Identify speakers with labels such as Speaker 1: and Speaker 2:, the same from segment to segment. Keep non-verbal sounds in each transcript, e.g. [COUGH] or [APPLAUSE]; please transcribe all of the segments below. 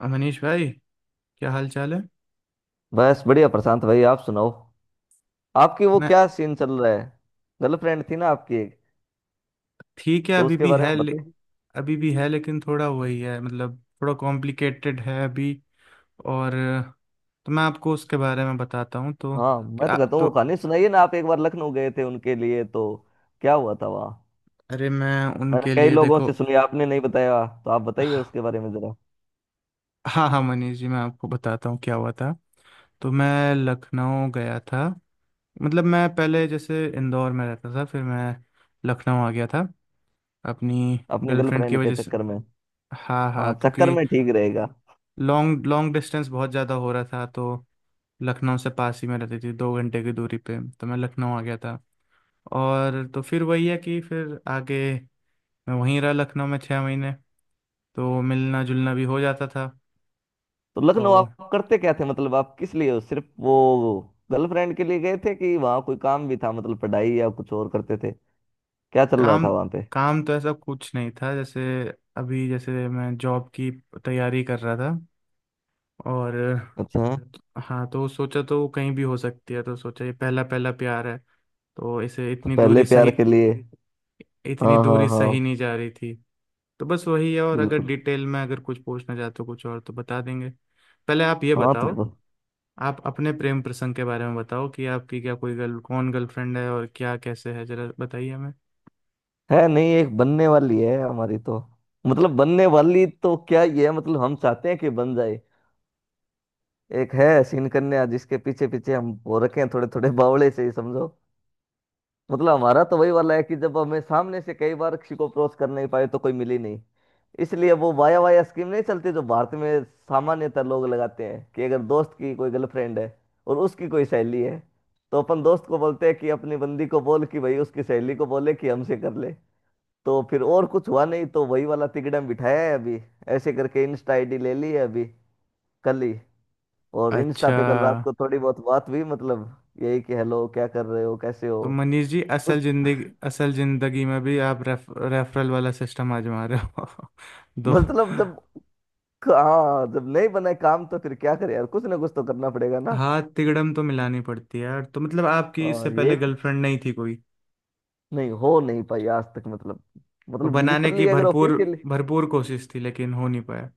Speaker 1: और मनीष भाई, क्या हाल चाल है।
Speaker 2: बस बढ़िया प्रशांत भाई, आप सुनाओ। आपकी वो
Speaker 1: मैं।
Speaker 2: क्या सीन चल रहा है? गर्लफ्रेंड थी ना आपकी एक,
Speaker 1: ठीक है।
Speaker 2: तो
Speaker 1: अभी
Speaker 2: उसके
Speaker 1: भी
Speaker 2: बारे
Speaker 1: है
Speaker 2: में बताइए।
Speaker 1: अभी भी है लेकिन थोड़ा वही है। मतलब थोड़ा कॉम्प्लिकेटेड है अभी। और तो मैं आपको उसके बारे में बताता हूँ। तो
Speaker 2: हाँ, मैं
Speaker 1: क्या?
Speaker 2: तो कहता हूँ वो
Speaker 1: तो
Speaker 2: कहानी सुनाइए ना, आप एक बार लखनऊ गए थे उनके लिए, तो क्या हुआ था वहाँ?
Speaker 1: अरे, मैं
Speaker 2: मैंने
Speaker 1: उनके
Speaker 2: कई
Speaker 1: लिए
Speaker 2: लोगों
Speaker 1: देखो।
Speaker 2: से सुनी, आपने नहीं बताया, तो आप बताइए उसके बारे में जरा।
Speaker 1: हाँ हाँ, मनीष जी, मैं आपको बताता हूँ क्या हुआ था। तो मैं लखनऊ गया था। मतलब मैं पहले जैसे इंदौर में रहता था, फिर मैं लखनऊ आ गया था अपनी
Speaker 2: अपनी
Speaker 1: गर्लफ्रेंड की
Speaker 2: गर्लफ्रेंड के
Speaker 1: वजह से।
Speaker 2: चक्कर में।
Speaker 1: हाँ
Speaker 2: हाँ,
Speaker 1: हाँ,
Speaker 2: चक्कर
Speaker 1: क्योंकि
Speaker 2: में ठीक रहेगा।
Speaker 1: लॉन्ग लॉन्ग डिस्टेंस बहुत ज़्यादा हो रहा था, तो लखनऊ से पास ही में रहती थी, 2 घंटे की दूरी पे, तो मैं लखनऊ आ गया था। और तो फिर वही है कि फिर आगे मैं वहीं रहा लखनऊ में 6 महीने, तो मिलना जुलना भी हो जाता था।
Speaker 2: तो
Speaker 1: तो
Speaker 2: लखनऊ आप करते क्या थे? मतलब, आप किस लिए, सिर्फ वो गर्लफ्रेंड के लिए गए थे कि वहाँ कोई काम भी था? मतलब पढ़ाई या कुछ और करते थे, क्या चल रहा
Speaker 1: काम,
Speaker 2: था वहाँ पे?
Speaker 1: काम तो ऐसा कुछ नहीं था, जैसे अभी जैसे मैं जॉब की तैयारी कर रहा था। और
Speaker 2: अच्छा।
Speaker 1: हाँ, तो सोचा तो वो कहीं भी हो सकती है, तो सोचा ये पहला पहला प्यार है, तो इसे
Speaker 2: तो
Speaker 1: इतनी
Speaker 2: पहले
Speaker 1: दूरी सही,
Speaker 2: प्यार के लिए।
Speaker 1: इतनी
Speaker 2: हाँ, हाँ,
Speaker 1: दूरी सही
Speaker 2: हाँ।
Speaker 1: नहीं जा रही थी। तो बस वही है, और
Speaker 2: तो
Speaker 1: अगर
Speaker 2: बिल्कुल
Speaker 1: डिटेल में अगर कुछ पूछना चाहते हो कुछ और, तो बता देंगे। पहले आप ये
Speaker 2: हाँ तो
Speaker 1: बताओ, आप अपने प्रेम प्रसंग के बारे में बताओ कि आपकी क्या कोई गर्ल, कौन गर्लफ्रेंड है और क्या कैसे है, जरा बताइए हमें।
Speaker 2: है नहीं, एक बनने वाली है हमारी तो। मतलब बनने वाली तो क्या, ये है मतलब हम चाहते हैं कि बन जाए। एक है सीन कन्या जिसके पीछे पीछे हम वो रखे हैं थोड़े थोड़े [LAUGHS] बावड़े से ही समझो। मतलब हमारा तो वही वाला है कि जब हमें सामने से कई बार किसी को अप्रोच कर नहीं पाए तो कोई मिली नहीं। इसलिए वो वाया वाया स्कीम नहीं चलती जो भारत में सामान्यतः लोग लगाते हैं कि अगर दोस्त की कोई गर्लफ्रेंड है और उसकी कोई सहेली है तो अपन दोस्त को बोलते हैं कि अपनी बंदी को बोल कि भाई उसकी सहेली को बोले कि हमसे कर ले। तो फिर और कुछ हुआ नहीं तो वही वाला तिकड़म बिठाया है अभी। ऐसे करके इंस्टा आईडी ले ली है अभी, कल ही। और इंस्टा
Speaker 1: अच्छा।
Speaker 2: पे कल रात को थोड़ी बहुत बात हुई, मतलब यही कि हेलो, क्या कर रहे हो, कैसे हो।
Speaker 1: तो मनीष जी, असल जिंदगी, असल जिंदगी में भी आप रेफरल वाला सिस्टम आजमा रहे हो। [LAUGHS] दो,
Speaker 2: मतलब जब हाँ जब नहीं बने काम तो फिर क्या करे यार, कुछ ना कुछ तो करना पड़ेगा ना।
Speaker 1: हाथ तिकड़म तो मिलानी पड़ती है यार। तो मतलब आपकी इससे पहले
Speaker 2: हाँ,
Speaker 1: गर्लफ्रेंड नहीं थी कोई?
Speaker 2: नहीं हो नहीं पाई आज तक। मतलब
Speaker 1: तो
Speaker 2: मतलब
Speaker 1: बनाने की
Speaker 2: लिटरली, अगर
Speaker 1: भरपूर
Speaker 2: ऑफिशियली
Speaker 1: भरपूर कोशिश थी, लेकिन हो नहीं पाया।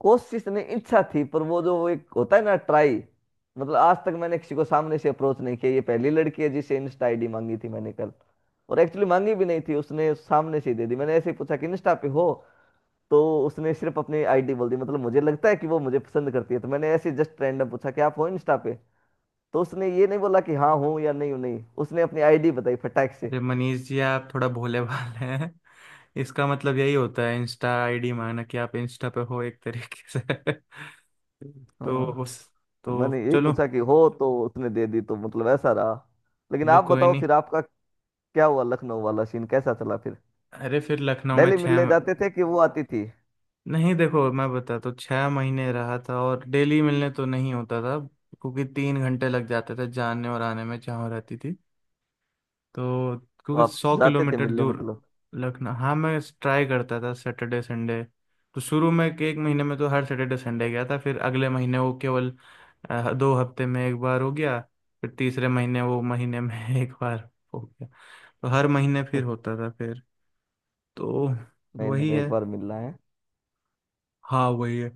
Speaker 2: कोशिश नहीं, इच्छा थी, पर वो जो वो एक होता है ना ट्राई। मतलब आज तक मैंने किसी को सामने से अप्रोच नहीं किया, ये पहली लड़की है जिसे इंस्टा आईडी मांगी थी मैंने कल। और एक्चुअली मांगी भी नहीं थी, उसने सामने से ही दे दी। मैंने ऐसे ही पूछा कि इंस्टा पे हो, तो उसने सिर्फ अपनी आईडी बोल दी। मतलब मुझे लगता है कि वो मुझे पसंद करती है। तो मैंने ऐसे जस्ट रैंडम पूछा कि आप हो इंस्टा पे, तो उसने ये नहीं बोला कि हाँ हूँ या नहीं हूँ, नहीं, उसने अपनी आईडी बताई फटाक से।
Speaker 1: अरे मनीष जी, आप थोड़ा भोले भाले हैं। इसका मतलब यही होता है, इंस्टा आईडी माना कि आप इंस्टा पे हो एक तरीके से। तो
Speaker 2: हाँ,
Speaker 1: उस
Speaker 2: तो मैंने
Speaker 1: तो
Speaker 2: यही
Speaker 1: चलो,
Speaker 2: पूछा कि हो, तो उसने दे दी, तो मतलब ऐसा रहा। लेकिन
Speaker 1: चलो
Speaker 2: आप
Speaker 1: कोई
Speaker 2: बताओ
Speaker 1: नहीं।
Speaker 2: फिर आपका क्या हुआ, लखनऊ वाला सीन कैसा चला फिर?
Speaker 1: अरे फिर लखनऊ में
Speaker 2: डेली मिलने जाते थे कि वो आती थी? तो
Speaker 1: नहीं, देखो, मैं बता तो 6 महीने रहा था, और डेली मिलने तो नहीं होता था। क्योंकि 3 घंटे लग जाते थे जाने और आने में, जहाँ रहती थी। तो क्योंकि
Speaker 2: आप
Speaker 1: सौ
Speaker 2: जाते थे
Speaker 1: किलोमीटर
Speaker 2: मिलने
Speaker 1: दूर
Speaker 2: मतलब?
Speaker 1: लखनऊ। हाँ, मैं ट्राई करता था सैटरडे संडे। तो शुरू में के एक महीने में तो हर सैटरडे संडे गया था, फिर अगले महीने वो केवल 2 हफ्ते में एक बार हो गया। फिर तीसरे महीने वो महीने में [LAUGHS] एक बार हो गया, तो हर महीने फिर होता था फिर। तो
Speaker 2: नहीं नहीं,
Speaker 1: वही
Speaker 2: मैं
Speaker 1: है,
Speaker 2: एक बार मिलना है।
Speaker 1: हाँ वही है।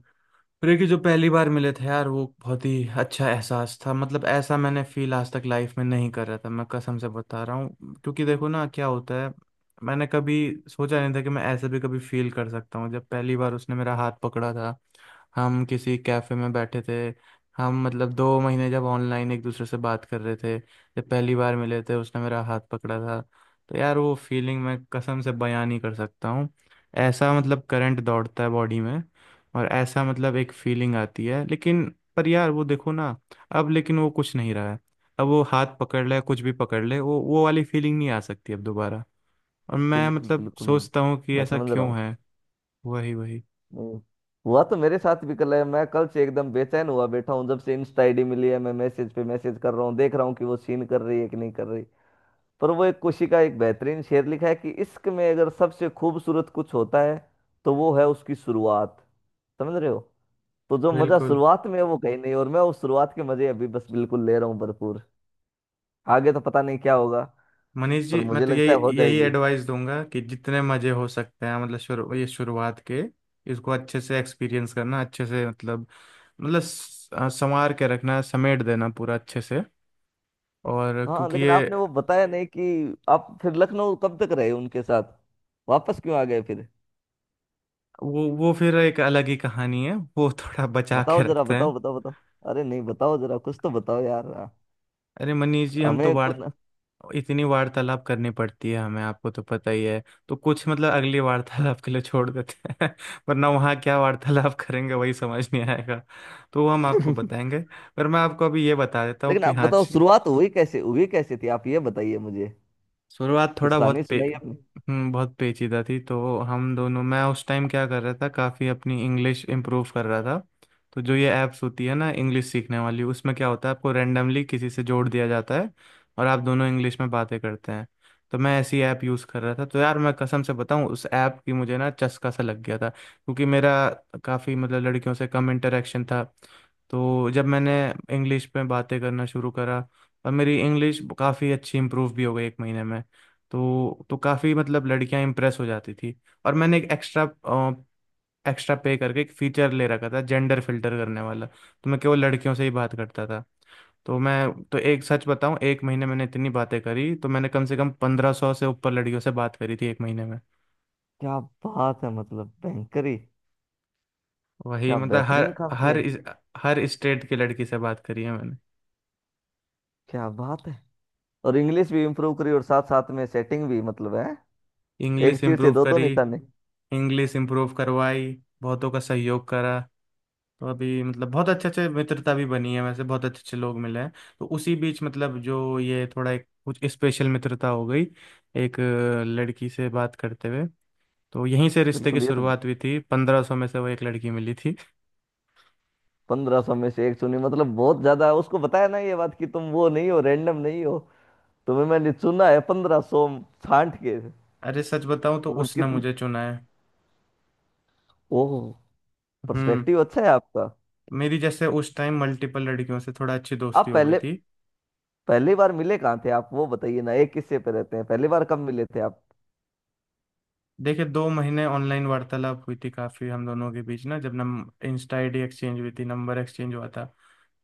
Speaker 1: क्योंकि जो पहली बार मिले थे यार, वो बहुत ही अच्छा एहसास था। मतलब ऐसा मैंने फील आज तक लाइफ में नहीं कर रहा था, मैं कसम से बता रहा हूँ। क्योंकि देखो ना क्या होता है, मैंने कभी सोचा नहीं था कि मैं ऐसे भी कभी फील कर सकता हूँ। जब पहली बार उसने मेरा हाथ पकड़ा था, हम किसी कैफे में बैठे थे। हम मतलब 2 महीने जब ऑनलाइन एक दूसरे से बात कर रहे थे, जब पहली बार मिले थे, उसने मेरा हाथ पकड़ा था। तो यार, वो फीलिंग मैं कसम से बयां नहीं कर सकता हूँ। ऐसा मतलब करंट दौड़ता है बॉडी में, और ऐसा मतलब एक फीलिंग आती है, लेकिन पर यार वो देखो ना, अब लेकिन वो कुछ नहीं रहा है। अब वो हाथ पकड़ ले, कुछ भी पकड़ ले, वो वाली फीलिंग नहीं आ सकती अब दोबारा। और मैं
Speaker 2: बिल्कुल
Speaker 1: मतलब
Speaker 2: बिल्कुल,
Speaker 1: सोचता हूँ कि
Speaker 2: मैं
Speaker 1: ऐसा
Speaker 2: समझ रहा
Speaker 1: क्यों
Speaker 2: हूँ।
Speaker 1: है। वही वही।
Speaker 2: नहीं, हुआ तो मेरे साथ भी कल है। मैं कल से एकदम बेचैन हुआ बैठा हूँ, जब से इंस्टा आईडी मिली है। मैं मैसेज पे मैसेज कर रहा हूँ, देख रहा हूँ कि वो सीन कर रही है कि नहीं कर रही। पर वो एक खुशी का, एक बेहतरीन शेर लिखा है कि इश्क में अगर सबसे खूबसूरत कुछ होता है तो वो है उसकी शुरुआत। समझ रहे हो? तो जो मजा
Speaker 1: बिल्कुल।
Speaker 2: शुरुआत में है वो कहीं नहीं, और मैं उस शुरुआत के मजे अभी बस बिल्कुल ले रहा हूँ भरपूर। आगे तो पता नहीं क्या होगा,
Speaker 1: मनीष
Speaker 2: पर
Speaker 1: जी, मैं
Speaker 2: मुझे
Speaker 1: तो
Speaker 2: लगता है हो
Speaker 1: यही यही
Speaker 2: जाएगी।
Speaker 1: एडवाइस दूंगा कि जितने मजे हो सकते हैं, मतलब शुरू, ये शुरुआत के इसको अच्छे से एक्सपीरियंस करना, अच्छे से मतलब, मतलब स- संवार के रखना, समेट देना पूरा अच्छे से। और
Speaker 2: हाँ,
Speaker 1: क्योंकि
Speaker 2: लेकिन
Speaker 1: ये,
Speaker 2: आपने वो बताया नहीं कि आप फिर लखनऊ कब तक रहे उनके साथ? वापस क्यों आ गए फिर?
Speaker 1: वो फिर एक अलग ही कहानी है वो। [LAUGHS] थोड़ा बचा के
Speaker 2: बताओ जरा,
Speaker 1: रखते हैं।
Speaker 2: बताओ बताओ बताओ। अरे नहीं, बताओ जरा, कुछ तो बताओ यार।
Speaker 1: अरे मनीष जी, हम तो
Speaker 2: हमें
Speaker 1: वार
Speaker 2: खुद
Speaker 1: इतनी वार्तालाप करनी पड़ती है हमें, आपको तो पता ही है। तो कुछ मतलब अगली वार्तालाप के लिए छोड़ देते हैं। [LAUGHS] वरना वहाँ क्या वार्तालाप करेंगे, वही समझ नहीं आएगा। तो वो हम आपको
Speaker 2: [LAUGHS]
Speaker 1: बताएंगे। पर मैं आपको अभी ये बता देता हूँ
Speaker 2: लेकिन
Speaker 1: कि
Speaker 2: आप
Speaker 1: हाँ,
Speaker 2: बताओ शुरुआत हुई कैसे, हुई कैसे थी, आप ये बताइए मुझे।
Speaker 1: शुरुआत
Speaker 2: कुछ
Speaker 1: थोड़ा
Speaker 2: कहानी सुनाइए अपनी।
Speaker 1: बहुत पेचीदा थी। तो हम दोनों, मैं उस टाइम क्या कर रहा था, काफ़ी अपनी इंग्लिश इम्प्रूव कर रहा था। तो जो ये ऐप्स होती है ना इंग्लिश सीखने वाली, उसमें क्या होता है, आपको रैंडमली किसी से जोड़ दिया जाता है और आप दोनों इंग्लिश में बातें करते हैं। तो मैं ऐसी ऐप यूज़ कर रहा था। तो यार मैं कसम से बताऊं, उस ऐप की मुझे ना चस्का सा लग गया था, क्योंकि मेरा काफ़ी मतलब लड़कियों से कम इंटरेक्शन था। तो जब मैंने इंग्लिश में बातें करना शुरू करा, और मेरी इंग्लिश काफ़ी अच्छी इम्प्रूव भी हो गई एक महीने में, तो काफ़ी मतलब लड़कियां इंप्रेस हो जाती थी। और मैंने एक एक्स्ट्रा एक्स्ट्रा पे करके एक फीचर ले रखा था जेंडर फिल्टर करने वाला। तो मैं केवल लड़कियों से ही बात करता था। तो मैं तो एक सच बताऊं, एक महीने मैंने इतनी बातें करी, तो मैंने कम से कम 1500 से ऊपर लड़कियों से बात करी थी एक महीने में।
Speaker 2: क्या बात है, मतलब बैंकरी!
Speaker 1: वही
Speaker 2: क्या
Speaker 1: मतलब हर
Speaker 2: बेहतरीन काम
Speaker 1: हर
Speaker 2: किया है!
Speaker 1: इस, हर स्टेट की लड़की से बात करी है मैंने।
Speaker 2: क्या बात है! और इंग्लिश भी इम्प्रूव करी और साथ साथ में सेटिंग भी, मतलब है।
Speaker 1: इंग्लिश
Speaker 2: एक तीर से
Speaker 1: इम्प्रूव
Speaker 2: दो दो
Speaker 1: करी,
Speaker 2: निशाने।
Speaker 1: इंग्लिश इम्प्रूव करवाई, बहुतों का सहयोग करा। तो अभी मतलब बहुत अच्छे अच्छे मित्रता भी बनी है, वैसे बहुत अच्छे अच्छे लोग मिले हैं। तो उसी बीच मतलब जो ये थोड़ा एक कुछ स्पेशल मित्रता हो गई एक लड़की से बात करते हुए। तो यहीं से रिश्ते की
Speaker 2: बिल्कुल, ये तो
Speaker 1: शुरुआत हुई थी, 1500 में से वो एक लड़की मिली थी।
Speaker 2: पंद्रह सौ में से एक चुनी, मतलब बहुत ज्यादा। उसको बताया ना ये बात कि तुम वो नहीं हो, रैंडम नहीं हो, तुम्हें मैंने चुना है पंद्रह सौ छांट के।
Speaker 1: अरे सच बताऊं तो
Speaker 2: मतलब
Speaker 1: उसने
Speaker 2: कितने!
Speaker 1: मुझे चुना है।
Speaker 2: ओह,
Speaker 1: हम्म।
Speaker 2: पर्सपेक्टिव अच्छा है आपका।
Speaker 1: मेरी जैसे उस टाइम मल्टीपल लड़कियों से थोड़ा अच्छी दोस्ती
Speaker 2: आप
Speaker 1: हो गई
Speaker 2: पहले
Speaker 1: थी।
Speaker 2: पहली बार मिले कहाँ थे आप, वो बताइए ना, एक किस्से पे रहते हैं। पहली बार कब मिले थे आप?
Speaker 1: देखिए, दो महीने ऑनलाइन वार्तालाप हुई थी काफ़ी हम दोनों के बीच, ना जब नम इंस्टा आईडी एक्सचेंज हुई थी, नंबर एक्सचेंज हुआ था।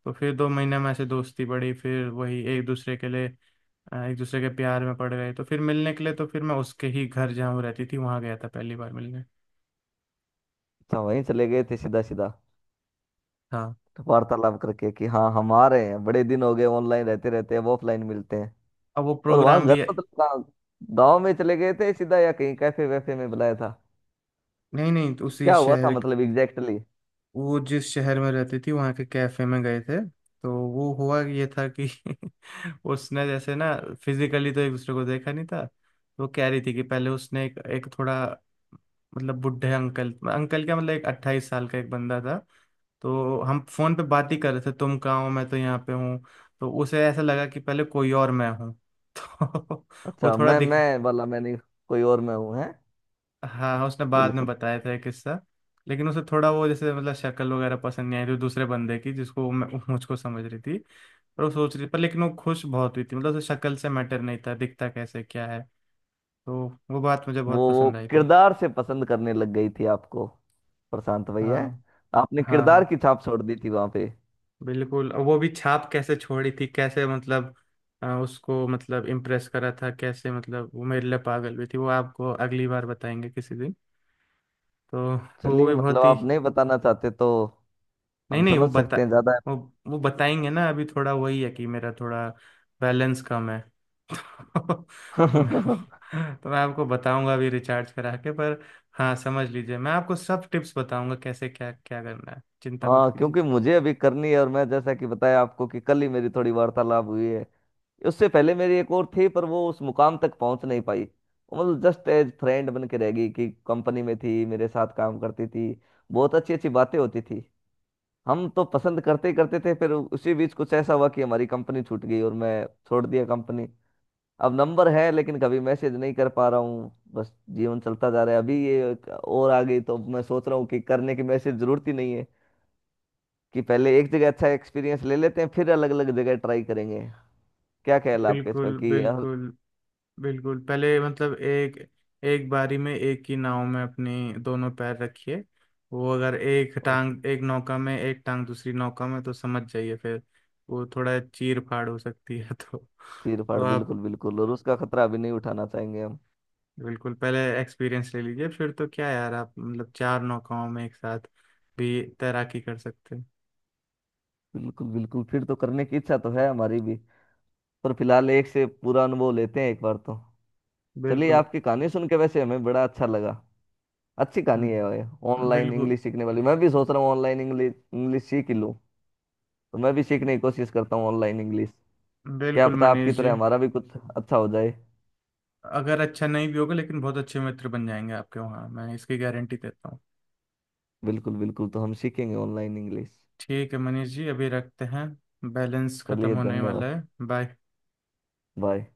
Speaker 1: तो फिर 2 महीने में ऐसे दोस्ती बढ़ी, फिर वही एक दूसरे के लिए एक दूसरे के प्यार में पड़ गए। तो फिर मिलने के लिए, तो फिर मैं उसके ही घर जहाँ वो रहती थी, वहाँ गया था पहली बार मिलने।
Speaker 2: अच्छा, वहीं चले गए थे सीधा सीधा
Speaker 1: हाँ,
Speaker 2: वार्तालाप करके कि हाँ हम आ रहे हैं, बड़े दिन हो गए ऑनलाइन रहते रहते, अब ऑफलाइन मिलते हैं।
Speaker 1: अब वो
Speaker 2: और वहाँ
Speaker 1: प्रोग्राम
Speaker 2: घर
Speaker 1: भी,
Speaker 2: मतलब कहाँ? गाँव में चले गए थे सीधा या कहीं कैफे वैफे में बुलाया था?
Speaker 1: नहीं नहीं, तो उसी
Speaker 2: क्या हुआ था
Speaker 1: शहर,
Speaker 2: मतलब एग्जैक्टली?
Speaker 1: वो जिस शहर में रहती थी वहाँ के कैफे में गए थे। तो वो हुआ ये था कि [LAUGHS] उसने जैसे ना, फिजिकली तो एक दूसरे को देखा नहीं था। तो वो कह रही थी कि पहले उसने एक थोड़ा मतलब बुढ़े अंकल, अंकल क्या मतलब, एक 28 साल का एक बंदा था। तो हम फोन पे बात ही कर रहे थे, तुम कहाँ हो, मैं तो यहाँ पे हूँ। तो उसे ऐसा लगा कि पहले कोई और मैं हूँ। [LAUGHS] तो वो
Speaker 2: अच्छा,
Speaker 1: थोड़ा
Speaker 2: मैं
Speaker 1: दिख
Speaker 2: मैं वाला मैंने, कोई और मैं हूँ है?
Speaker 1: हाँ, उसने बाद में
Speaker 2: बिल्कुल।
Speaker 1: बताया था ये किस्सा। लेकिन उसे थोड़ा वो जैसे मतलब शक्ल वगैरह पसंद नहीं आई थी दूसरे बंदे की, जिसको वो मैं, वो मुझको समझ रही थी। पर वो सोच रही, पर लेकिन वो खुश बहुत हुई थी, मतलब उसे शक्ल से मैटर नहीं था, दिखता कैसे क्या है। तो वो बात मुझे बहुत
Speaker 2: वो
Speaker 1: पसंद आई थी।
Speaker 2: किरदार से पसंद करने लग गई थी आपको, प्रशांत भैया।
Speaker 1: हाँ
Speaker 2: आपने
Speaker 1: हाँ
Speaker 2: किरदार
Speaker 1: हाँ।
Speaker 2: की छाप छोड़ दी थी वहां पे।
Speaker 1: बिल्कुल, और वो भी छाप कैसे छोड़ी थी, कैसे मतलब, उसको मतलब इम्प्रेस करा था कैसे, मतलब वो मेरे लिए पागल हुई थी, वो आपको अगली बार बताएंगे किसी दिन। तो वो
Speaker 2: चलिए,
Speaker 1: भी
Speaker 2: मतलब
Speaker 1: बहुत ही,
Speaker 2: आप नहीं बताना चाहते तो
Speaker 1: नहीं
Speaker 2: हम
Speaker 1: नहीं,
Speaker 2: समझ सकते हैं ज्यादा
Speaker 1: वो वो बताएंगे ना। अभी थोड़ा वही है कि मेरा थोड़ा बैलेंस कम है। [LAUGHS] तो
Speaker 2: [LAUGHS]
Speaker 1: मैं तो मैं आपको बताऊंगा अभी रिचार्ज करा के। पर हाँ, समझ लीजिए, मैं आपको सब टिप्स बताऊंगा, कैसे क्या क्या करना है, चिंता मत
Speaker 2: हाँ,
Speaker 1: कीजिए।
Speaker 2: क्योंकि मुझे अभी करनी है, और मैं जैसा कि बताया आपको कि कल ही मेरी थोड़ी वार्तालाप हुई है। उससे पहले मेरी एक और थी, पर वो उस मुकाम तक पहुंच नहीं पाई। वो मतलब जस्ट एज फ्रेंड बन के रह गई कि कंपनी में थी, मेरे साथ काम करती थी। बहुत अच्छी अच्छी बातें होती थी, हम तो पसंद करते ही करते थे। फिर उसी बीच कुछ ऐसा हुआ कि हमारी कंपनी छूट गई और मैं छोड़ दिया कंपनी। अब नंबर है लेकिन कभी मैसेज नहीं कर पा रहा हूँ, बस जीवन चलता जा रहा है। अभी ये एक और आ गई तो मैं सोच रहा हूँ कि करने की, मैसेज जरूरत ही नहीं है कि पहले एक जगह अच्छा एक्सपीरियंस ले लेते हैं फिर अलग अलग जगह ट्राई करेंगे। क्या ख्याल है आपके इस पर
Speaker 1: बिल्कुल।
Speaker 2: कि
Speaker 1: बिल्कुल बिल्कुल पहले, मतलब एक, एक बारी में एक ही नाव में अपनी दोनों पैर रखिए। वो अगर एक टांग एक नौका में, एक टांग दूसरी नौका में, तो समझ जाइए, फिर वो थोड़ा चीर फाड़ हो सकती है। [LAUGHS] तो
Speaker 2: चीर
Speaker 1: तो
Speaker 2: फाड़,
Speaker 1: आप,
Speaker 2: बिल्कुल बिल्कुल, और उसका खतरा अभी नहीं उठाना चाहेंगे हम।
Speaker 1: बिल्कुल पहले एक्सपीरियंस ले लीजिए, फिर तो क्या यार, आप मतलब चार नौकाओं में एक साथ भी तैराकी कर सकते हैं।
Speaker 2: बिल्कुल बिल्कुल, फिर तो करने की इच्छा तो है हमारी भी, पर फिलहाल एक से पूरा अनुभव लेते हैं एक बार तो। चलिए,
Speaker 1: बिल्कुल।
Speaker 2: आपकी कहानी सुन के वैसे हमें बड़ा अच्छा लगा। अच्छी कहानी है
Speaker 1: हम्म,
Speaker 2: भाई। ऑनलाइन
Speaker 1: बिल्कुल।
Speaker 2: इंग्लिश सीखने वाली, मैं भी सोच रहा हूँ ऑनलाइन इंग्लिश इंग्लिश सीख ही लूँ। तो मैं भी सीखने की कोशिश करता हूँ ऑनलाइन इंग्लिश। क्या
Speaker 1: बिल्कुल
Speaker 2: पता
Speaker 1: मनीष
Speaker 2: आपकी तरह
Speaker 1: जी,
Speaker 2: हमारा भी कुछ अच्छा हो जाए।
Speaker 1: अगर अच्छा नहीं भी होगा, लेकिन बहुत अच्छे मित्र बन जाएंगे आपके वहाँ, मैं इसकी गारंटी देता हूँ।
Speaker 2: बिल्कुल बिल्कुल, तो हम सीखेंगे ऑनलाइन इंग्लिश।
Speaker 1: ठीक है मनीष जी, अभी रखते हैं, बैलेंस खत्म
Speaker 2: चलिए
Speaker 1: होने
Speaker 2: धन्यवाद।
Speaker 1: वाला है, बाय।
Speaker 2: बाय।